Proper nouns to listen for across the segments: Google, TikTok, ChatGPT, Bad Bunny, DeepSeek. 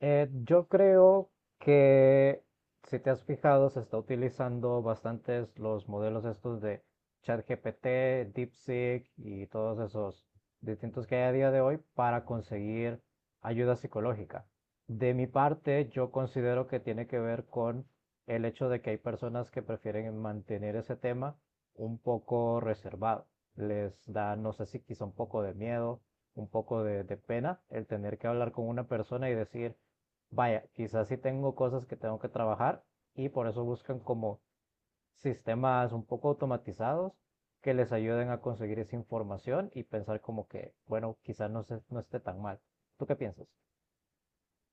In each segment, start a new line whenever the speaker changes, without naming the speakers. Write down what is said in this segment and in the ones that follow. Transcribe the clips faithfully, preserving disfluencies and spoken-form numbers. Eh, yo creo que si te has fijado, se está utilizando bastantes los modelos estos de ChatGPT, DeepSeek y todos esos distintos que hay a día de hoy para conseguir ayuda psicológica. De mi parte, yo considero que tiene que ver con el hecho de que hay personas que prefieren mantener ese tema un poco reservado. Les da, no sé si quizá un poco de miedo, un poco de, de pena el tener que hablar con una persona y decir, vaya, quizás sí tengo cosas que tengo que trabajar y por eso buscan como sistemas un poco automatizados que les ayuden a conseguir esa información y pensar como que, bueno, quizás no, se- no esté tan mal. ¿Tú qué piensas?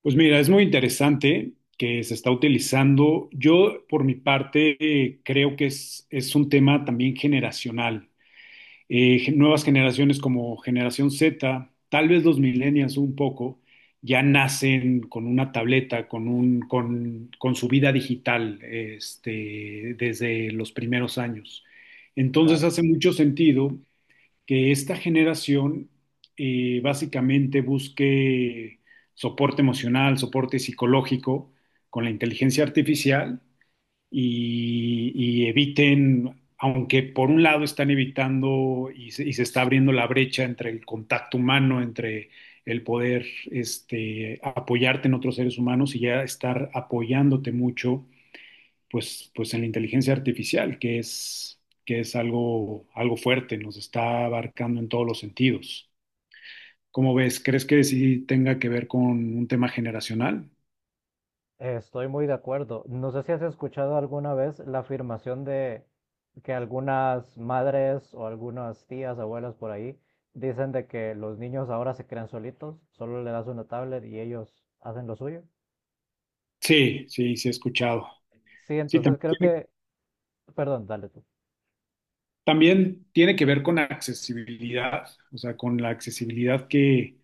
Pues mira, es muy interesante que se está utilizando. Yo, por mi parte, eh, creo que es, es un tema también generacional. Eh, gen- nuevas generaciones como generación Z, tal vez los millennials un poco, ya nacen con una tableta, con un, con, con su vida digital, este, desde los primeros años. Entonces
Claro.
hace mucho sentido que esta generación eh, básicamente busque soporte emocional, soporte psicológico con la inteligencia artificial y, y eviten, aunque por un lado están evitando y se, y se, está abriendo la brecha entre el contacto humano, entre el poder este, apoyarte en otros seres humanos y ya estar apoyándote mucho, pues, pues en la inteligencia artificial, que es, que es algo, algo fuerte, nos está abarcando en todos los sentidos. ¿Cómo ves? ¿Crees que sí tenga que ver con un tema generacional?
Estoy muy de acuerdo. ¿No sé si has escuchado alguna vez la afirmación de que algunas madres o algunas tías, abuelas por ahí dicen de que los niños ahora se crean solitos, solo le das una tablet y ellos hacen lo suyo?
Sí, sí, sí he escuchado.
Sí,
Sí,
entonces
también
creo
tiene,
que perdón, dale tú.
también tiene que ver con accesibilidad, o sea, con la accesibilidad que,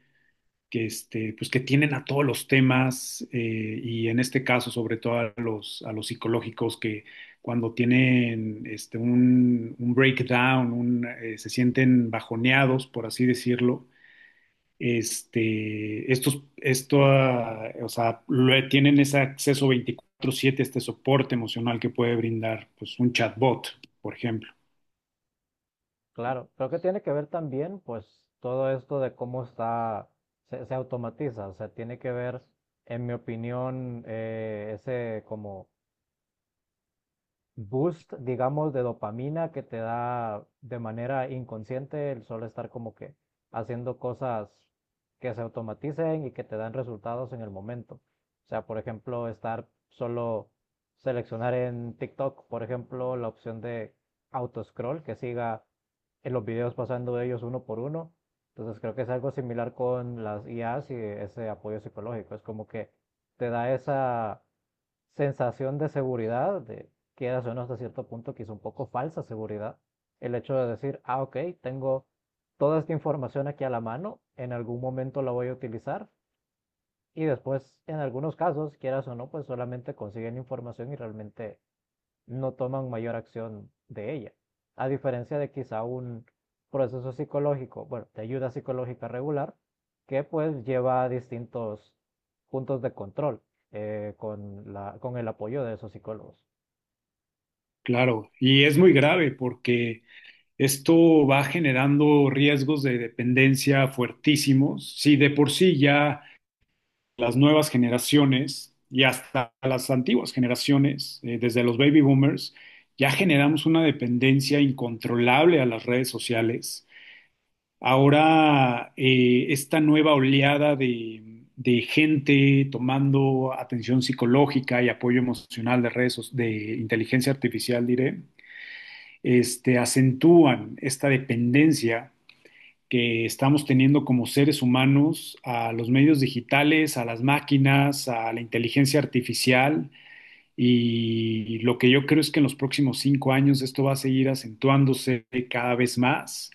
que, este, pues que tienen a todos los temas, eh, y en este caso sobre todo a los, a los psicológicos que cuando tienen este, un, un breakdown, un, eh, se sienten bajoneados, por así decirlo, este, estos, esto, ah, o sea, lo- tienen ese acceso veinticuatro siete, este soporte emocional que puede brindar, pues, un chatbot, por ejemplo.
Claro, creo que tiene que ver también, pues, todo esto de cómo está, se, se automatiza, o sea, tiene que ver, en mi opinión, eh, ese como boost, digamos, de dopamina que te da de manera inconsciente el solo estar como que haciendo cosas que se automaticen y que te dan resultados en el momento. O sea, por ejemplo, estar solo seleccionar en TikTok, por ejemplo, la opción de autoscroll que siga en los videos pasando de ellos uno por uno. Entonces creo que es algo similar con las I As y ese apoyo psicológico. Es como que te da esa sensación de seguridad de quieras o no, hasta cierto punto, quizá un poco falsa seguridad. El hecho de decir, ah, ok, tengo toda esta información aquí a la mano, en algún momento la voy a utilizar. Y después, en algunos casos, quieras o no, pues solamente consiguen información y realmente no toman mayor acción de ella. A diferencia de quizá un proceso psicológico, bueno, de ayuda psicológica regular, que pues lleva a distintos puntos de control eh, con, la, con el apoyo de esos psicólogos.
Claro, y es muy grave porque esto va generando riesgos de dependencia fuertísimos. Si de por sí ya las nuevas generaciones y hasta las antiguas generaciones, eh, desde los baby boomers, ya generamos una dependencia incontrolable a las redes sociales. Ahora, eh, esta nueva oleada de, de gente tomando atención psicológica y apoyo emocional de redes, so- de inteligencia artificial, diré, este, acentúan esta dependencia que estamos teniendo como seres humanos a los medios digitales, a las máquinas, a la inteligencia artificial. Y lo que yo creo es que en los próximos cinco años esto va a seguir acentuándose cada vez más.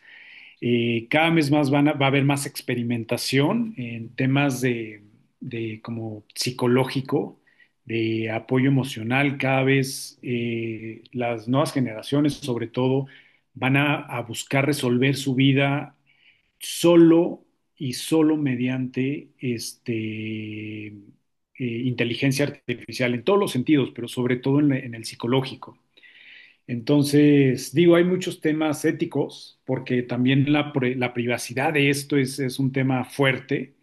Eh, cada vez más van a- va a haber más experimentación en temas de, de como psicológico, de apoyo emocional. Cada vez, eh, las nuevas generaciones, sobre todo, van a, a buscar resolver su vida solo, y solo mediante este, eh, inteligencia artificial en todos los sentidos, pero sobre todo en, la- en el psicológico. Entonces, digo, hay muchos temas éticos, porque también la, la privacidad de esto es, es un tema fuerte,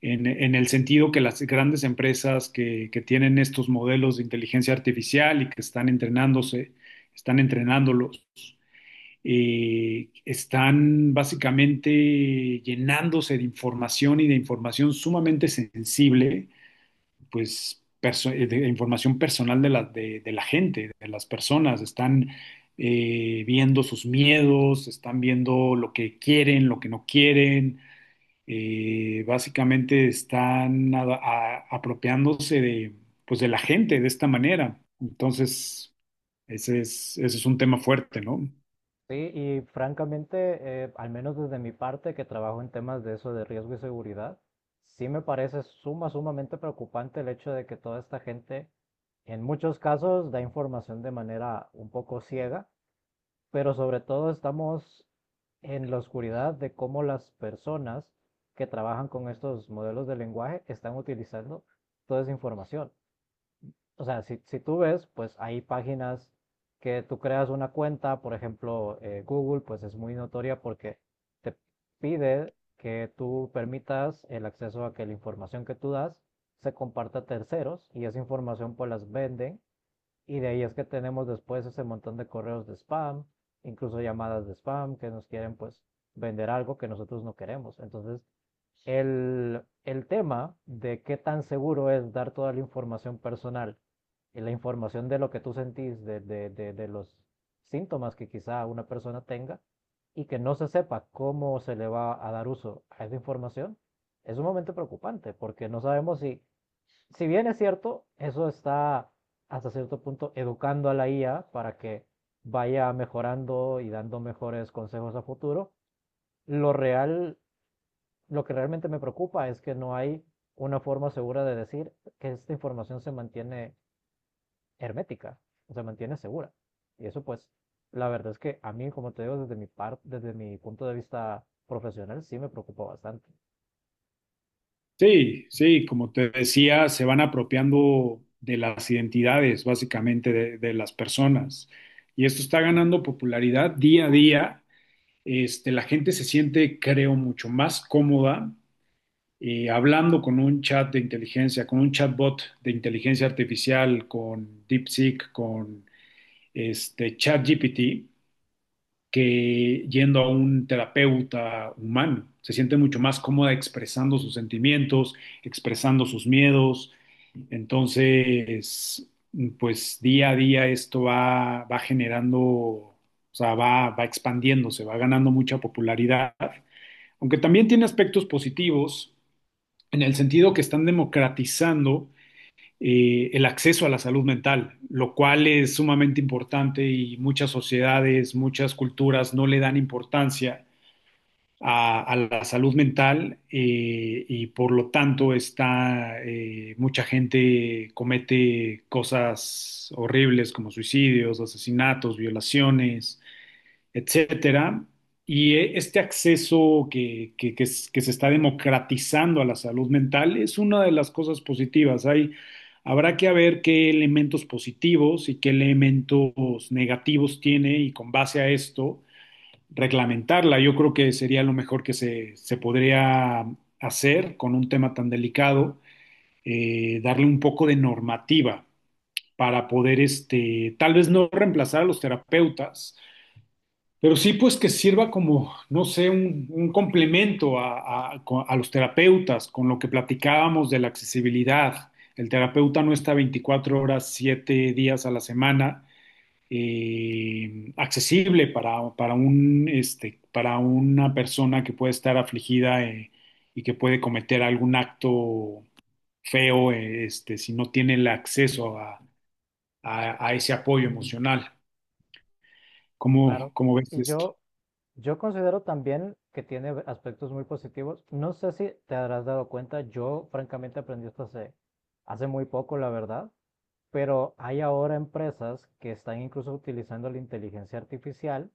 en, en el sentido que las grandes empresas que, que tienen estos modelos de inteligencia artificial y que están entrenándose, están entrenándolos, eh, están básicamente llenándose de información y de información sumamente sensible, pues perso- eh, de información personal de la, de, de la gente, de las personas, están, eh, viendo sus miedos, están viendo lo que quieren, lo que no quieren, eh, básicamente están a- a- apropiándose de, pues, de la gente de esta manera. Entonces, ese es, ese es un tema fuerte, ¿no?
Sí, y francamente, eh, al menos desde mi parte, que trabajo en temas de eso, de riesgo y seguridad, sí me parece suma, sumamente preocupante el hecho de que toda esta gente, en muchos casos, da información de manera un poco ciega, pero sobre todo estamos en la oscuridad de cómo las personas que trabajan con estos modelos de lenguaje están utilizando toda esa información. O sea, si, si tú ves, pues hay páginas que tú creas una cuenta, por ejemplo, eh, Google, pues es muy notoria porque te pide que tú permitas el acceso a que la información que tú das se comparta a terceros y esa información pues las venden y de ahí es que tenemos después ese montón de correos de spam, incluso llamadas de spam que nos quieren pues vender algo que nosotros no queremos. Entonces, el, el tema de qué tan seguro es dar toda la información personal y la información de lo que tú sentís, de, de, de, de los síntomas que quizá una persona tenga y que no se sepa cómo se le va a dar uso a esa información, es un momento preocupante porque no sabemos si, si bien es cierto, eso está hasta cierto punto educando a la I A para que vaya mejorando y dando mejores consejos a futuro, lo real lo que realmente me preocupa es que no hay una forma segura de decir que esta información se mantiene hermética, se mantiene segura. Y eso pues, la verdad es que a mí, como te digo, desde mi parte, desde mi punto de vista profesional, sí me preocupa bastante,
Sí, sí, como te decía, se van apropiando de las identidades, básicamente, de, de las personas. Y esto está ganando popularidad día a día. Este, la gente se siente, creo, mucho más cómoda, eh, hablando con un chat de inteligencia, con un chatbot de inteligencia artificial, con DeepSeek, con este, ChatGPT, que yendo a un terapeuta humano. Se siente mucho más cómoda expresando sus sentimientos, expresando sus miedos. Entonces, pues día a día esto va, va generando, o sea, va, va expandiéndose, va ganando mucha popularidad, aunque también tiene aspectos positivos en el sentido que están democratizando, eh, el acceso a la salud mental, lo cual es sumamente importante, y muchas sociedades, muchas culturas no le dan importancia a, a la salud mental, eh, y por lo tanto está, eh, mucha gente comete cosas horribles como suicidios, asesinatos, violaciones, etcétera. Y eh, este acceso que, que- que es- que se está democratizando a la salud mental es una de las cosas positivas. Hay, habrá que ver qué elementos positivos y qué elementos negativos tiene, y con base a esto reglamentarla. Yo creo que sería lo mejor que se, se podría hacer con un tema tan delicado: eh, darle un poco de normativa para poder, este, tal vez no reemplazar a los terapeutas, pero sí, pues que sirva como, no sé, un, un complemento a, a- co- a los terapeutas, con lo que platicábamos de la accesibilidad. El terapeuta no está veinticuatro horas, siete días a la semana, eh, accesible para, para un, este, para una persona que puede estar afligida, eh, y que puede cometer algún acto feo, eh, este, si no tiene el acceso a, a- a ese apoyo emocional. ¿Cómo,
claro.
cómo ves
Y
esto?
yo, yo considero también que tiene aspectos muy positivos. No sé si te habrás dado cuenta, yo francamente aprendí esto hace, hace muy poco, la verdad, pero hay ahora empresas que están incluso utilizando la inteligencia artificial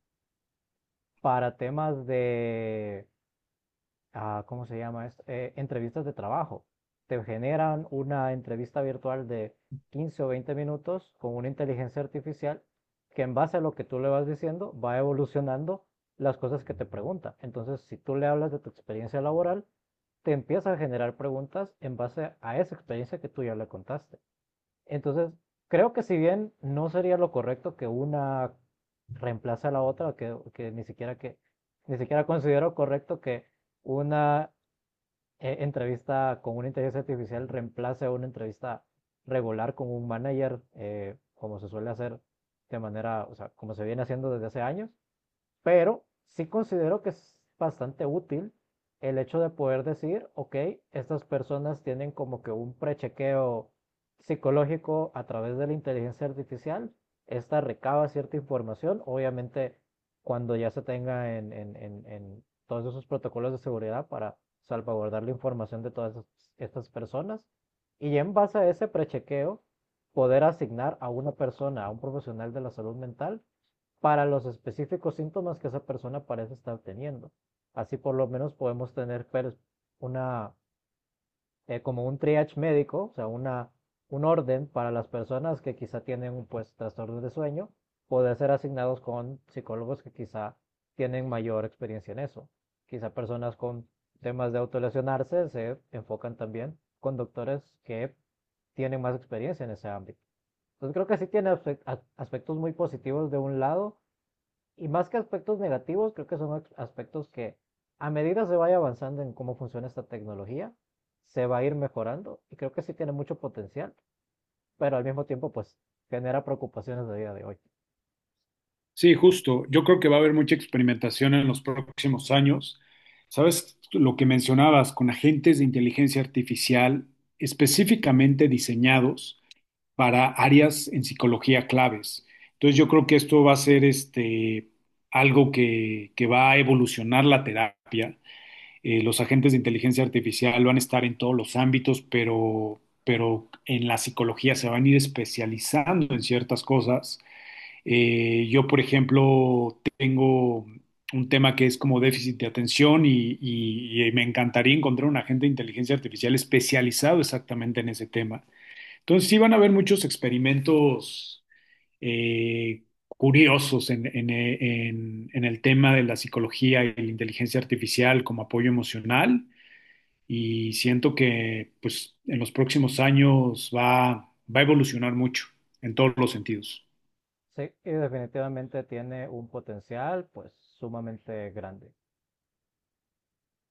para temas de, ah, ¿cómo se llama esto? Eh, entrevistas de trabajo. Te generan una entrevista virtual de quince o veinte minutos con una inteligencia artificial que en base a lo que tú le vas diciendo va evolucionando las cosas que te pregunta. Entonces, si tú le hablas de tu experiencia laboral, te empieza a generar preguntas en base a esa experiencia que tú ya le contaste. Entonces, creo que si bien no sería lo correcto que una reemplace a la otra, que, que ni siquiera que ni siquiera considero correcto que una eh, entrevista con una inteligencia artificial reemplace a una entrevista regular con un manager, eh, como se suele hacer de manera, o sea, como se viene haciendo desde hace años. Pero sí considero que es bastante útil el hecho de poder decir, ok, estas personas tienen como que un prechequeo psicológico a través de la inteligencia artificial. Esta recaba cierta información, obviamente cuando ya se tenga en, en- en- en todos esos protocolos de seguridad para salvaguardar la información de todas estas- personas. Y ya en base a ese prechequeo, poder asignar a una persona, a un profesional de la salud mental, para los específicos síntomas que esa persona parece estar teniendo. Así por lo menos podemos tener pues, una, eh, como un triage médico, o sea, una, un orden para las personas que quizá tienen pues trastornos de sueño, poder ser asignados con psicólogos que quizá tienen mayor experiencia en eso. Quizá personas con temas de autolesionarse se enfocan también con doctores que tienen más experiencia en ese ámbito. Entonces creo que sí tiene aspectos muy positivos de un lado y más que aspectos negativos, creo que son aspectos que a medida se vaya avanzando en cómo funciona esta tecnología, se va a ir mejorando y creo que sí tiene mucho potencial, pero al mismo tiempo pues genera preocupaciones de día de hoy.
Sí, justo. Yo creo que va a haber mucha experimentación en los próximos años. ¿Sabes lo que mencionabas? Con agentes de inteligencia artificial específicamente diseñados para áreas en psicología claves. Entonces yo creo que esto va a ser, este, algo que, que va a evolucionar la terapia. Eh, los agentes de inteligencia artificial van a estar en todos los ámbitos, pero, pero en la psicología se van a ir especializando en ciertas cosas. Eh, yo, por ejemplo, tengo un tema que es como déficit de atención, y, y- y me encantaría encontrar un agente de inteligencia artificial especializado exactamente en ese tema. Entonces, sí van a haber muchos experimentos, eh, curiosos en, en- en- en el tema de la psicología y la inteligencia artificial como apoyo emocional, y siento que, pues, en los próximos años va, va a evolucionar mucho en todos los sentidos.
Sí, y definitivamente tiene un potencial pues sumamente grande.